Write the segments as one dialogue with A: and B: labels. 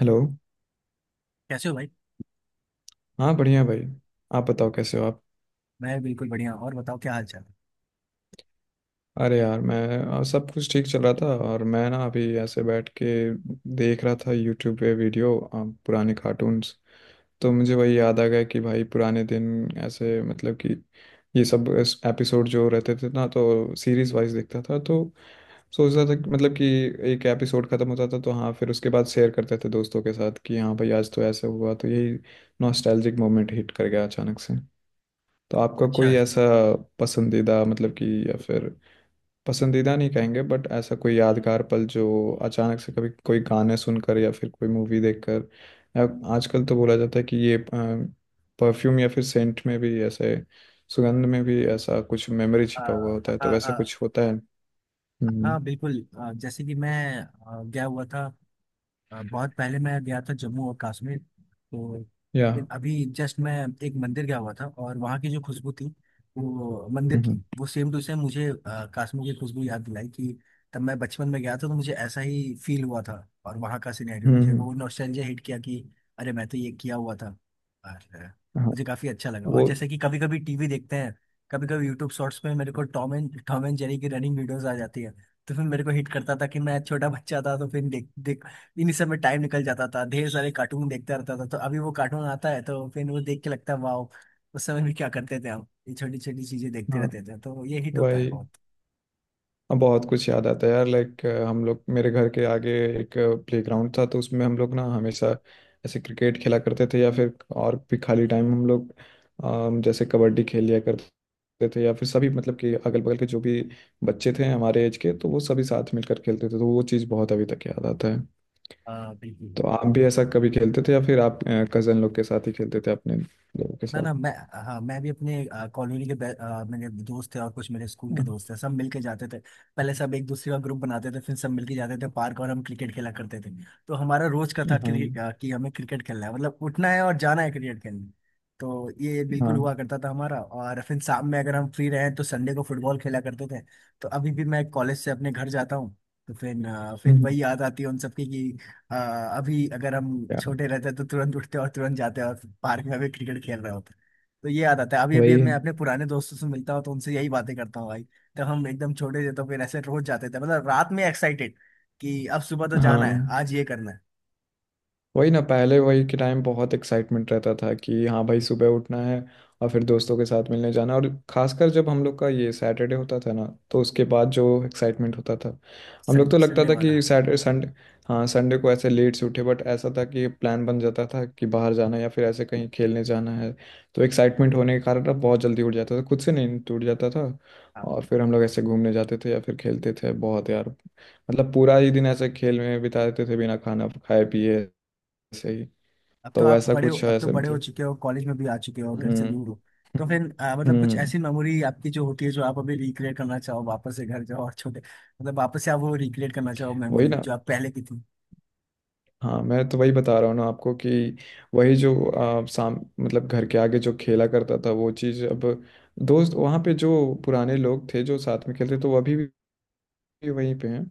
A: Hello.
B: कैसे हो भाई।
A: हाँ बढ़िया भाई। आप बताओ कैसे हो आप।
B: मैं बिल्कुल बढ़िया और बताओ क्या हाल चाल है?
A: अरे यार मैं सब कुछ ठीक चल रहा था और मैं ना अभी ऐसे बैठ के देख रहा था यूट्यूब पे वीडियो पुराने कार्टून्स। तो मुझे वही याद आ गया कि भाई पुराने दिन ऐसे मतलब कि ये सब एपिसोड जो रहते थे ना तो सीरीज वाइज देखता था। तो सोच रहा था मतलब कि एक एपिसोड खत्म होता था तो हाँ फिर उसके बाद शेयर करते थे दोस्तों के साथ कि हाँ भाई आज तो ऐसे हुआ। तो यही नॉस्टैल्जिक मोमेंट हिट कर गया अचानक से। तो आपका
B: अच्छा
A: कोई
B: अच्छा।
A: ऐसा पसंदीदा मतलब कि या फिर पसंदीदा नहीं कहेंगे बट ऐसा कोई यादगार पल जो अचानक से कभी कोई गाने सुनकर या फिर कोई मूवी देखकर या आजकल तो बोला जाता है कि ये परफ्यूम या फिर सेंट में भी ऐसे सुगंध में भी ऐसा कुछ मेमोरी
B: आ,
A: छिपा हुआ होता है, तो
B: हाँ
A: वैसे
B: हाँ।
A: कुछ होता है? हम्म।
B: हाँ बिल्कुल, जैसे कि मैं गया हुआ था। बहुत पहले मैं गया था जम्मू और कश्मीर। तो
A: या।
B: फिर अभी जस्ट मैं एक मंदिर गया हुआ था और वहाँ की जो खुशबू थी, वो मंदिर की
A: हम्म
B: वो सेम टू सेम मुझे कश्मीर की खुशबू याद दिलाई कि तब मैं बचपन में गया था तो मुझे ऐसा ही फील हुआ था। और वहाँ का सिनेरियो
A: हम्म हम्म,
B: मुझे,
A: हम्म,
B: वो नॉस्टैल्जिया हिट किया कि अरे मैं तो ये किया हुआ था। और
A: हाँ।
B: मुझे काफ़ी अच्छा लगा। और
A: वो।
B: जैसे कि कभी कभी टीवी देखते हैं, कभी कभी यूट्यूब शॉर्ट्स में मेरे को टॉम एंड जेरी की रनिंग वीडियोस आ जाती है। तो फिर मेरे को हिट करता था कि मैं छोटा बच्चा था, तो फिर देख देख इन्हीं सब में टाइम निकल जाता था, ढेर सारे कार्टून देखता रहता था। तो अभी वो कार्टून आता है तो फिर वो देख के लगता है वाओ, उस समय भी क्या करते थे हम, ये छोटी छोटी चीजें देखते
A: हाँ।
B: रहते थे। तो ये हिट होता है
A: वही।
B: बहुत।
A: अब बहुत कुछ याद आता है यार लाइक हम लोग मेरे घर के आगे एक प्लेग्राउंड था तो उसमें हम लोग ना हमेशा ऐसे क्रिकेट खेला करते थे या फिर और भी खाली टाइम हम लोग जैसे कबड्डी खेल लिया करते थे। या फिर सभी मतलब कि अगल बगल के जो भी बच्चे थे हमारे एज के तो वो सभी साथ मिलकर खेलते थे, तो वो चीज़ बहुत अभी तक याद आता है।
B: हाँ बिल्कुल।
A: तो आप भी ऐसा कभी खेलते थे या फिर आप कजन लोग के साथ ही खेलते थे अपने लोगों के
B: ना
A: साथ?
B: ना मैं, हाँ मैं भी अपने कॉलोनी के मेरे दोस्त थे और कुछ मेरे स्कूल के
A: हाँ
B: दोस्त थे, सब मिलके जाते थे। पहले सब एक दूसरे का ग्रुप बनाते थे, फिर सब मिलके जाते थे पार्क और हम क्रिकेट खेला करते थे। तो हमारा रोज का था
A: हाँ
B: कि हमें क्रिकेट खेलना है, मतलब उठना है और जाना है क्रिकेट खेलने। तो ये बिल्कुल
A: हाँ,
B: हुआ करता था हमारा। और फिर शाम में, अगर हम फ्री रहे तो संडे को फुटबॉल खेला करते थे। तो अभी भी मैं कॉलेज से अपने घर जाता हूँ तो फिर फिर
A: हम्म,
B: वही याद आती है उन सबकी। हाँ, अभी अगर हम
A: यार
B: छोटे रहते तो तुरंत उठते और तुरंत जाते और पार्क में भी क्रिकेट खेल रहे होते। तो ये याद आता है, अभी अभी
A: वही है।
B: मैं अपने पुराने दोस्तों से मिलता हूँ तो उनसे यही बातें करता हूँ भाई, तब हम एकदम छोटे थे। तो फिर ऐसे रोज जाते थे, मतलब रात में एक्साइटेड कि अब सुबह तो जाना है,
A: हाँ
B: आज ये करना है।
A: वही ना, पहले वही के टाइम बहुत एक्साइटमेंट रहता था कि हाँ भाई सुबह उठना है और फिर दोस्तों के साथ मिलने जाना, और खासकर जब हम लोग का ये सैटरडे होता था ना, तो उसके बाद जो एक्साइटमेंट होता था। हम लोग तो लगता
B: संडे
A: था
B: वाला।
A: कि सैटरडे संडे। हाँ संडे को ऐसे लेट से उठे बट ऐसा था कि प्लान बन जाता था कि बाहर जाना है या फिर ऐसे कहीं खेलने जाना है, तो एक्साइटमेंट होने के कारण अब बहुत जल्दी उठ जाता था खुद से, नहीं टूट जाता था।
B: हाँ
A: और फिर हम लोग ऐसे घूमने जाते थे या फिर खेलते थे बहुत यार, मतलब पूरा ही दिन ऐसे खेल में बिता देते थे बिना खाना खाए पिए। सही।
B: अब तो
A: तो
B: आप
A: ऐसा
B: बड़े हो,
A: कुछ है
B: अब तो
A: ऐसे
B: बड़े हो
A: मतलब।
B: चुके हो, कॉलेज में भी आ चुके हो, घर से
A: हम्म
B: दूर हो। तो फिर मतलब कुछ
A: हम्म।
B: ऐसी मेमोरी आपकी जो होती है जो आप अभी रिक्रिएट करना चाहो, वापस से घर जाओ और छोटे, मतलब वापस से आप वो रिक्रिएट करना चाहो
A: वही
B: मेमोरी
A: ना।
B: जो आप पहले की थी।
A: हाँ मैं तो वही बता रहा हूँ ना आपको, कि वही जो साम मतलब घर के आगे जो खेला करता था वो चीज़ अब। दोस्त वहाँ पे जो पुराने लोग थे जो साथ में खेलते तो वो अभी भी वहीं पे हैं।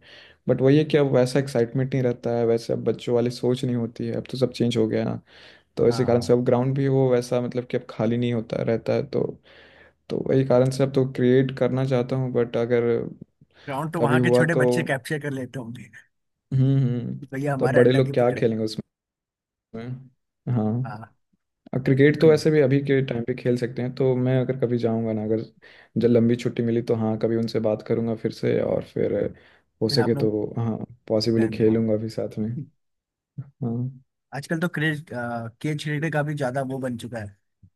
A: बट वही है कि अब वैसा एक्साइटमेंट नहीं रहता है, वैसे अब बच्चों वाली सोच नहीं होती है, अब तो सब चेंज हो गया है ना। तो इसी कारण से
B: हाँ।
A: अब ग्राउंड भी वो वैसा मतलब कि अब खाली नहीं होता रहता है तो वही कारण से अब तो क्रिएट करना चाहता हूँ, बट अगर
B: ग्राउंड तो
A: कभी
B: वहां के
A: हुआ
B: छोटे
A: तो।
B: बच्चे कैप्चर कर लेते होंगे
A: हम्म।
B: कि भैया
A: तो अब
B: हमारा
A: बड़े
B: अड्डा की
A: लोग क्या
B: पकड़े।
A: खेलेंगे उसमें। हाँ।
B: हाँ
A: और क्रिकेट तो
B: बिल्कुल।
A: वैसे भी अभी के टाइम पे खेल सकते हैं, तो मैं अगर कभी जाऊंगा ना, अगर जब लंबी छुट्टी मिली तो हाँ कभी उनसे बात करूंगा फिर से, और फिर हो
B: फिर आप
A: सके
B: लोग
A: तो हाँ पॉसिबली
B: प्लान बनाओ।
A: खेलूंगा भी साथ में। हाँ।
B: आजकल तो क्रेज केज क्रिकेट का भी ज्यादा वो बन चुका है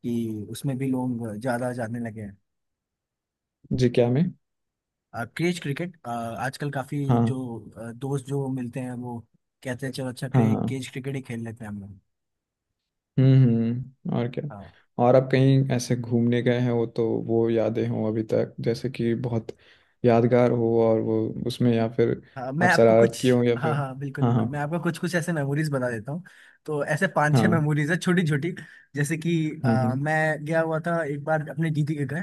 B: कि उसमें भी लोग ज्यादा जाने लगे हैं।
A: जी, क्या मैं।
B: क्रेज क्रिकेट आजकल काफी, जो
A: हाँ
B: दोस्त जो मिलते हैं वो कहते हैं चलो, अच्छा
A: हाँ हाँ।
B: क्रेज क्रिकेट ही खेल लेते हैं हम लोग।
A: और क्या।
B: हाँ
A: और आप कहीं ऐसे घूमने गए हैं वो तो, वो यादें हों अभी तक जैसे कि बहुत यादगार हो और वो उसमें या फिर
B: हाँ, मैं
A: आप
B: आपको
A: शरारत
B: कुछ,
A: किए हो या
B: हाँ
A: फिर।
B: हाँ बिल्कुल
A: हाँ हाँ
B: बिल्कुल मैं आपको कुछ कुछ ऐसे मेमोरीज बता देता हूँ। तो ऐसे पांच छह
A: हाँ।
B: मेमोरीज है छोटी छोटी। जैसे कि
A: हम्म।
B: मैं गया हुआ था एक बार अपने दीदी के घर,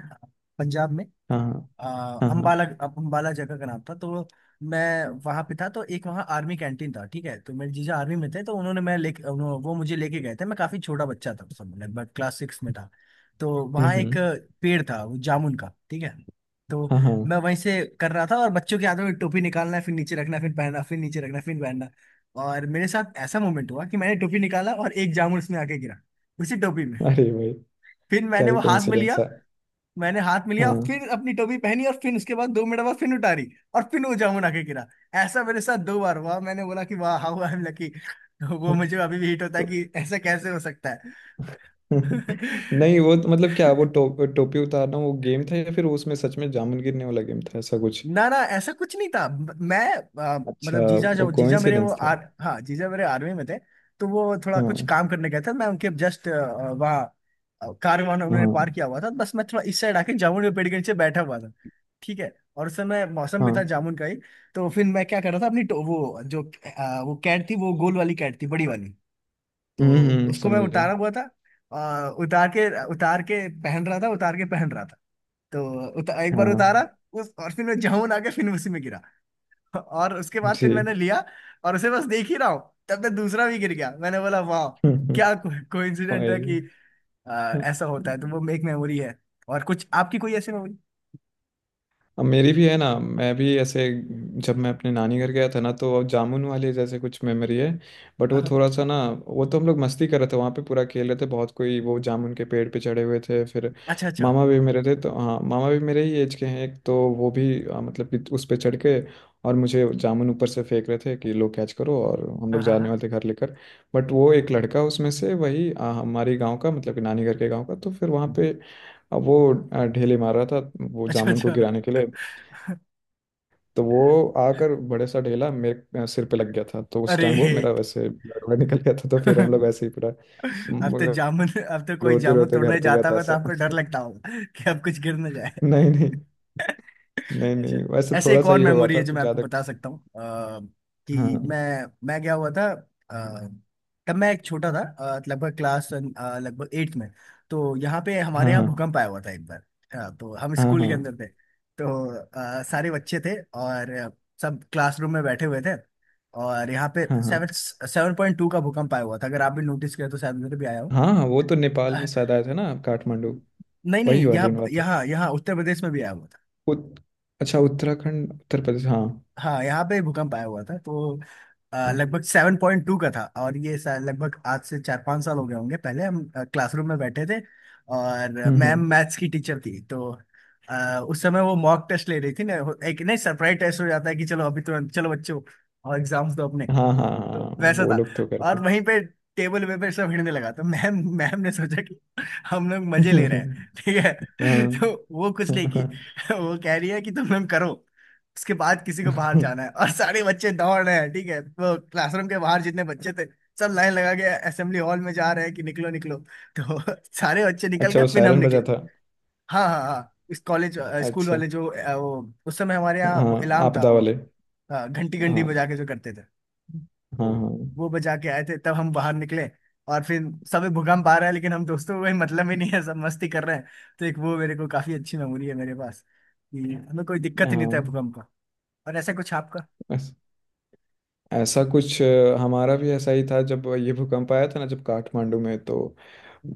B: पंजाब में।
A: हाँ हाँ हाँ हाँ।
B: अम्बाला, अम्बाला जगह का नाम था। तो मैं वहां पे था, तो एक वहाँ आर्मी कैंटीन था, ठीक है, तो मेरे जीजा आर्मी में थे। तो उन्होंने मैं ले वो मुझे लेके गए थे, मैं काफी छोटा बच्चा था उस समय, लगभग क्लास 6 में था। तो
A: हम्म
B: वहाँ एक
A: हम्म,
B: पेड़ था, वो जामुन का, ठीक है। तो
A: हाँ हाँ।
B: मैं वहीं से कर रहा था और बच्चों के हाथों में टोपी निकालना, फिर नीचे रखना, फिर पहनना, फिर नीचे रखना, फिर पहनना। और मेरे साथ ऐसा मोमेंट हुआ कि मैंने टोपी निकाला और एक जामुन उसमें आके गिरा, उसी टोपी में।
A: अरे भाई।
B: फिर
A: क्या
B: मैंने
A: ही
B: वो हाथ में
A: कोइंसिडेंस
B: लिया,
A: है।
B: मैंने हाथ
A: हाँ
B: मिलिया और
A: हाँ,
B: फिर अपनी टोपी पहनी और फिर उसके बाद 2 मिनट बाद फिर उतारी और फिर वो जामुन आके गिरा। ऐसा मेरे साथ 2 बार हुआ। मैंने बोला कि वाह हाउ आई एम लकी। वो मुझे अभी भी हिट होता है
A: तो।
B: कि ऐसा कैसे हो सकता है।
A: नहीं वो तो मतलब, क्या वो टोपी उतारना वो गेम था, या फिर उसमें सच में जामुन गिरने वाला गेम था ऐसा कुछ?
B: ना ना ऐसा कुछ नहीं था, मैं
A: अच्छा,
B: मतलब जीजा,
A: वो
B: जो जीजा मेरे वो
A: कोइंसिडेंस था।
B: आर, हाँ जीजा मेरे आर्मी में थे। तो वो थोड़ा कुछ
A: हाँ
B: काम करने गए थे, मैं उनके जस्ट वहाँ कार वहाँ उन्होंने पार
A: हाँ
B: किया हुआ था, बस मैं थोड़ा इस साइड आके जामुन के पेड़ के नीचे बैठा हुआ था, ठीक है। और उस समय मौसम भी था
A: हाँ
B: जामुन का ही। तो फिर मैं क्या कर रहा था अपनी वो जो वो कैट थी, वो गोल वाली कैट थी, बड़ी वाली। तो उसको मैं
A: समझ रहे हो।
B: उतारा हुआ था, और उतार के, पहन रहा था, उतार के पहन रहा था। तो एक बार
A: हाँ।
B: उतारा उस, और फिर मैं जाऊं आके फिर उसी में गिरा। और उसके बाद फिर मैंने
A: जी।
B: लिया और उसे बस देख ही रहा हूँ, तब तक दूसरा भी गिर गया। मैंने बोला वाह, क्या कोइंसिडेंट है
A: वही।
B: कि
A: हाँ,
B: ऐसा होता है। तो वो एक मेमोरी है। और कुछ आपकी कोई ऐसी मेमोरी?
A: अब मेरी भी है ना, मैं भी ऐसे जब मैं अपने नानी घर गया था ना तो जामुन वाले जैसे कुछ मेमोरी है, बट
B: हाँ
A: वो
B: हाँ।
A: थोड़ा सा ना। वो तो हम लोग मस्ती कर रहे थे वहाँ पे पूरा, खेल रहे थे बहुत, कोई वो जामुन के पेड़ पे चढ़े हुए थे। फिर
B: अच्छा अच्छा।
A: मामा भी मेरे थे तो हाँ मामा भी मेरे ही एज के हैं, एक तो वो भी मतलब कि उस पे चढ़ के और मुझे जामुन ऊपर से फेंक रहे थे कि लो कैच करो, और हम
B: हाँ
A: लोग
B: हाँ
A: जाने
B: हाँ।
A: वाले थे घर लेकर। बट वो एक लड़का उसमें से, वही हमारी गांव का, मतलब कि नानी घर के गांव का, तो फिर वहाँ पे अब वो ढेले मार रहा था वो
B: अच्छा
A: जामुन को
B: अच्छा।
A: गिराने के लिए। तो वो आकर बड़े सा ढेला मेरे सिर पे लग गया था, तो उस
B: अरे,
A: टाइम वो मेरा वैसे ब्लड ब्लड निकल गया था, तो फिर हम लोग ऐसे ही पूरा
B: अब तो
A: म-
B: जामुन, अब तो कोई
A: रोते
B: जामुन
A: रोते घर
B: तोड़ने
A: पे गया
B: जाता
A: था
B: होगा तो
A: ऐसा।
B: आपको डर लगता होगा कि अब कुछ गिर ना जाए।
A: नहीं नहीं। नहीं
B: अच्छा,
A: नहीं वैसे
B: ऐसे
A: थोड़ा
B: एक
A: सा
B: और
A: ही हुआ
B: मेमोरी
A: था
B: है जो
A: तो
B: मैं आपको
A: ज्यादा
B: बता
A: कुछ।
B: सकता हूँ। कि
A: हाँ
B: मैं गया हुआ था। तब मैं एक छोटा था, लगभग क्लास लगभग 8th में। तो यहाँ पे, हमारे
A: हाँ
B: यहाँ
A: हाँ
B: भूकंप आया हुआ था एक बार। तो हम
A: हाँ
B: स्कूल
A: हाँ
B: के अंदर थे। तो सारे बच्चे थे और सब क्लासरूम में बैठे हुए थे। और यहाँ पे
A: हाँ हाँ
B: सेवन 7.2 का भूकंप आया हुआ था। अगर आप भी नोटिस करें तो शायद उधर भी आया हो।
A: हाँ हाँ, वो तो नेपाल में
B: अह,
A: शायद आए थे ना आप, काठमांडू।
B: नहीं
A: वही
B: नहीं, यहाँ
A: वाली बात है।
B: यहाँ यहाँ उत्तर प्रदेश में भी आया हुआ था।
A: उत, अच्छा उत्तराखंड उत्तर प्रदेश हाँ।
B: हाँ यहाँ पे भूकंप आया हुआ था। तो
A: हाँ।
B: लगभग 7.2 का था और ये शायद लगभग आज से 4-5 साल हो गए होंगे। पहले हम क्लासरूम में बैठे थे और मैम
A: हम्म।
B: मैथ्स की टीचर थी। तो उस समय वो मॉक टेस्ट ले रही थी ना, एक नहीं सरप्राइज टेस्ट हो जाता है कि चलो अभी तुरंत चलो बच्चों और एग्जाम्स दो।
A: हाँ हाँ
B: तो
A: हाँ
B: वैसा
A: वो
B: था।
A: लोग तो
B: और
A: करते।
B: वहीं पे टेबल पे पे सब हिड़ने लगा। तो मैम मैम ने सोचा कि हम लोग मजे ले रहे हैं, ठीक है।
A: हाँ।
B: तो वो कुछ नहीं की, वो कह रही है कि तुम लोग करो। उसके बाद किसी को बाहर जाना है और सारे बच्चे दौड़ रहे हैं, ठीक है। वो क्लासरूम के बाहर जितने बच्चे थे, सब लाइन लगा के असेंबली हॉल में जा रहे हैं कि निकलो निकलो। तो सारे बच्चे निकल
A: अच्छा,
B: गए,
A: वो
B: फिर हम
A: सायरन बजा
B: निकले।
A: था?
B: हाँ हाँ हाँ। इस कॉलेज स्कूल
A: अच्छा,
B: वाले जो वो उस समय हमारे यहाँ
A: हाँ
B: वो इलाम था,
A: आपदा
B: वो
A: वाले।
B: घंटी घंटी
A: हाँ
B: बजा के जो करते थे।
A: हाँ
B: तो
A: हाँ
B: वो बजा के आए थे, तब हम बाहर निकले। और फिर सब भूकंप आ रहा है, लेकिन हम दोस्तों को कोई मतलब ही नहीं है, सब मस्ती कर रहे हैं। तो एक वो मेरे को काफी अच्छी मेमोरी है मेरे पास कि हमें कोई दिक्कत ही नहीं था
A: हाँ।
B: भूकंप का। और ऐसा कुछ आपका?
A: बस ऐसा कुछ हमारा भी ऐसा ही था जब ये भूकंप आया था ना, जब काठमांडू में, तो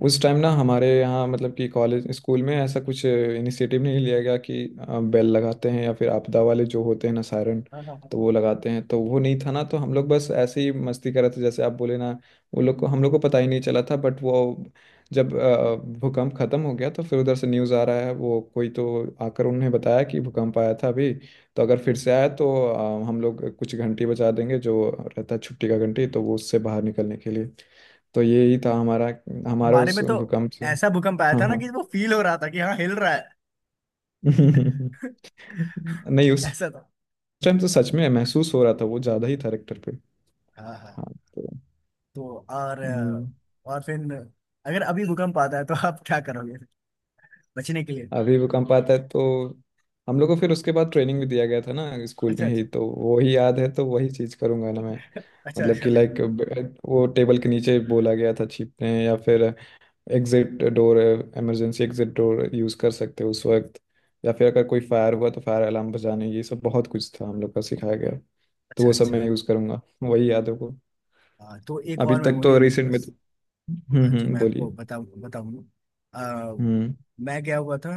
A: उस टाइम ना हमारे यहाँ मतलब कि कॉलेज स्कूल में ऐसा कुछ इनिशिएटिव नहीं लिया गया कि बेल लगाते हैं या फिर आपदा वाले जो होते हैं ना सायरन,
B: हाँ, हाँ, हाँ।
A: तो वो लगाते हैं, तो वो नहीं था ना। तो हम लोग बस ऐसे ही मस्ती कर रहे थे जैसे आप बोले ना, वो लोग को हम लोग को पता ही नहीं चला था। बट वो जब भूकंप खत्म हो गया तो फिर उधर से न्यूज़ आ रहा है, वो कोई तो आकर उन्हें बताया कि भूकंप आया था अभी, तो अगर फिर से आया तो हम लोग कुछ घंटी बजा देंगे जो रहता है छुट्टी का घंटी, तो वो उससे बाहर निकलने के लिए। तो यही था हमारा हमारा
B: हमारे
A: उस
B: में तो
A: भूकंप से।
B: ऐसा भूकंप आया
A: हाँ
B: था ना
A: हाँ।
B: कि वो फील हो रहा था कि हाँ हिल रहा है।
A: नहीं उस
B: ऐसा था।
A: टाइम तो सच में महसूस हो रहा था, वो ज्यादा ही था रेक्टर पे।
B: हाँ हाँ।
A: हाँ। तो।
B: तो और
A: हम्म,
B: और फिर अगर अभी भूकंप आता है तो आप क्या करोगे बचने के लिए?
A: अभी भूकंप आता है तो हम लोग को फिर उसके बाद ट्रेनिंग भी दिया गया था ना स्कूल
B: अच्छा
A: में ही,
B: अच्छा।
A: तो वो ही याद है, तो वही चीज करूंगा ना मैं।
B: अच्छा
A: मतलब
B: अच्छा
A: कि लाइक
B: बिल्कुल।
A: वो टेबल के नीचे बोला गया था छिपने, या फिर एग्जिट डोर है, इमरजेंसी एग्जिट डोर यूज कर सकते हो उस वक्त, या फिर अगर कोई फायर हुआ तो फायर अलार्म बजाने, ये सब बहुत कुछ था हम लोग का सिखाया गया। तो
B: अच्छा
A: वो सब मैं
B: अच्छा।
A: यूज करूंगा, वही याद है को।
B: हाँ, तो एक
A: अभी
B: और
A: तक
B: मेमोरी
A: तो
B: है मेरे
A: रिसेंट में
B: पास
A: तो।
B: जो
A: हम्म,
B: मैं आपको
A: बोलिए।
B: बताऊंगा। अ,
A: हम्म।
B: मैं गया हुआ था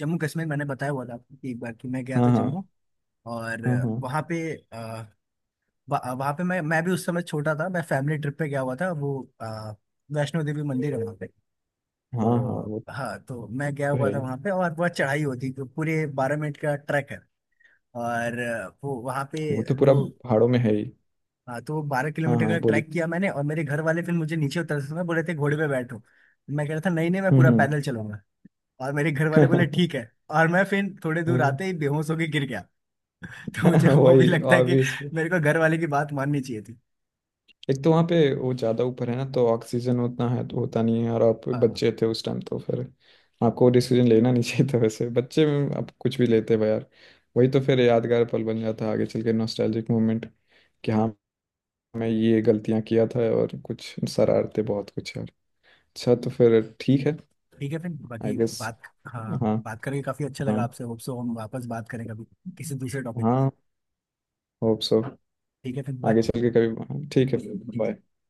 B: जम्मू कश्मीर। मैंने बताया हुआ था आपको कि एक बार कि मैं गया
A: हाँ
B: था
A: हाँ
B: जम्मू। और
A: हाँ हाँ
B: वहाँ पे अ, वहाँ पे मैं भी उस समय छोटा था, मैं फैमिली ट्रिप पे गया हुआ था। वो अ, वैष्णो देवी मंदिर है वहाँ पे।
A: हाँ हाँ।
B: तो
A: वो
B: हाँ, तो मैं गया
A: तो
B: हुआ
A: है
B: था
A: ही,
B: वहाँ पे और बहुत चढ़ाई होती है, तो पूरे 12 मिनट का ट्रैक है। और अ, वो वहाँ पे
A: वो तो पूरा
B: वो
A: पहाड़ों में है ही।
B: हाँ, तो वो बारह
A: हाँ
B: किलोमीटर
A: हाँ
B: का
A: बोलिए।
B: ट्रैक किया मैंने। और मेरे घर वाले फिर मुझे नीचे उतर समय बोले थे घोड़े पे बैठो। मैं कह रहा था नहीं नहीं, मैं पूरा
A: हम्म।
B: पैदल चलूंगा। और मेरे घर वाले बोले ठीक है। और मैं फिर थोड़े दूर आते
A: हम्म।
B: ही बेहोश होके गिर गया। तो मुझे वो भी
A: वही
B: लगता है कि
A: ऑब्वियस।
B: मेरे को घर वाले की बात माननी चाहिए थी।
A: एक तो वहाँ पे वो ज़्यादा ऊपर है ना तो ऑक्सीजन उतना है तो होता नहीं है, और आप
B: हाँ
A: बच्चे थे उस टाइम तो फिर आपको डिसीजन लेना नहीं चाहिए था। वैसे बच्चे में आप कुछ भी लेते भाई यार। वही तो फिर यादगार पल बन जाता है आगे चल के, नॉस्टैल्जिक मोमेंट कि हाँ मैं ये गलतियाँ किया था और कुछ शरारते, बहुत कुछ यार। अच्छा तो फिर ठीक है।
B: ठीक है, फिर
A: आई
B: बाकी
A: गेस।
B: बात, हाँ।
A: हाँ।
B: बात करके काफी अच्छा
A: हाँ।
B: लगा आपसे, होप सो हम वापस बात करें कभी, किसी दूसरे टॉपिक।
A: हाँ होप सो,
B: ठीक है फिर बाय।
A: आगे चल के कभी। ठीक है, बाय।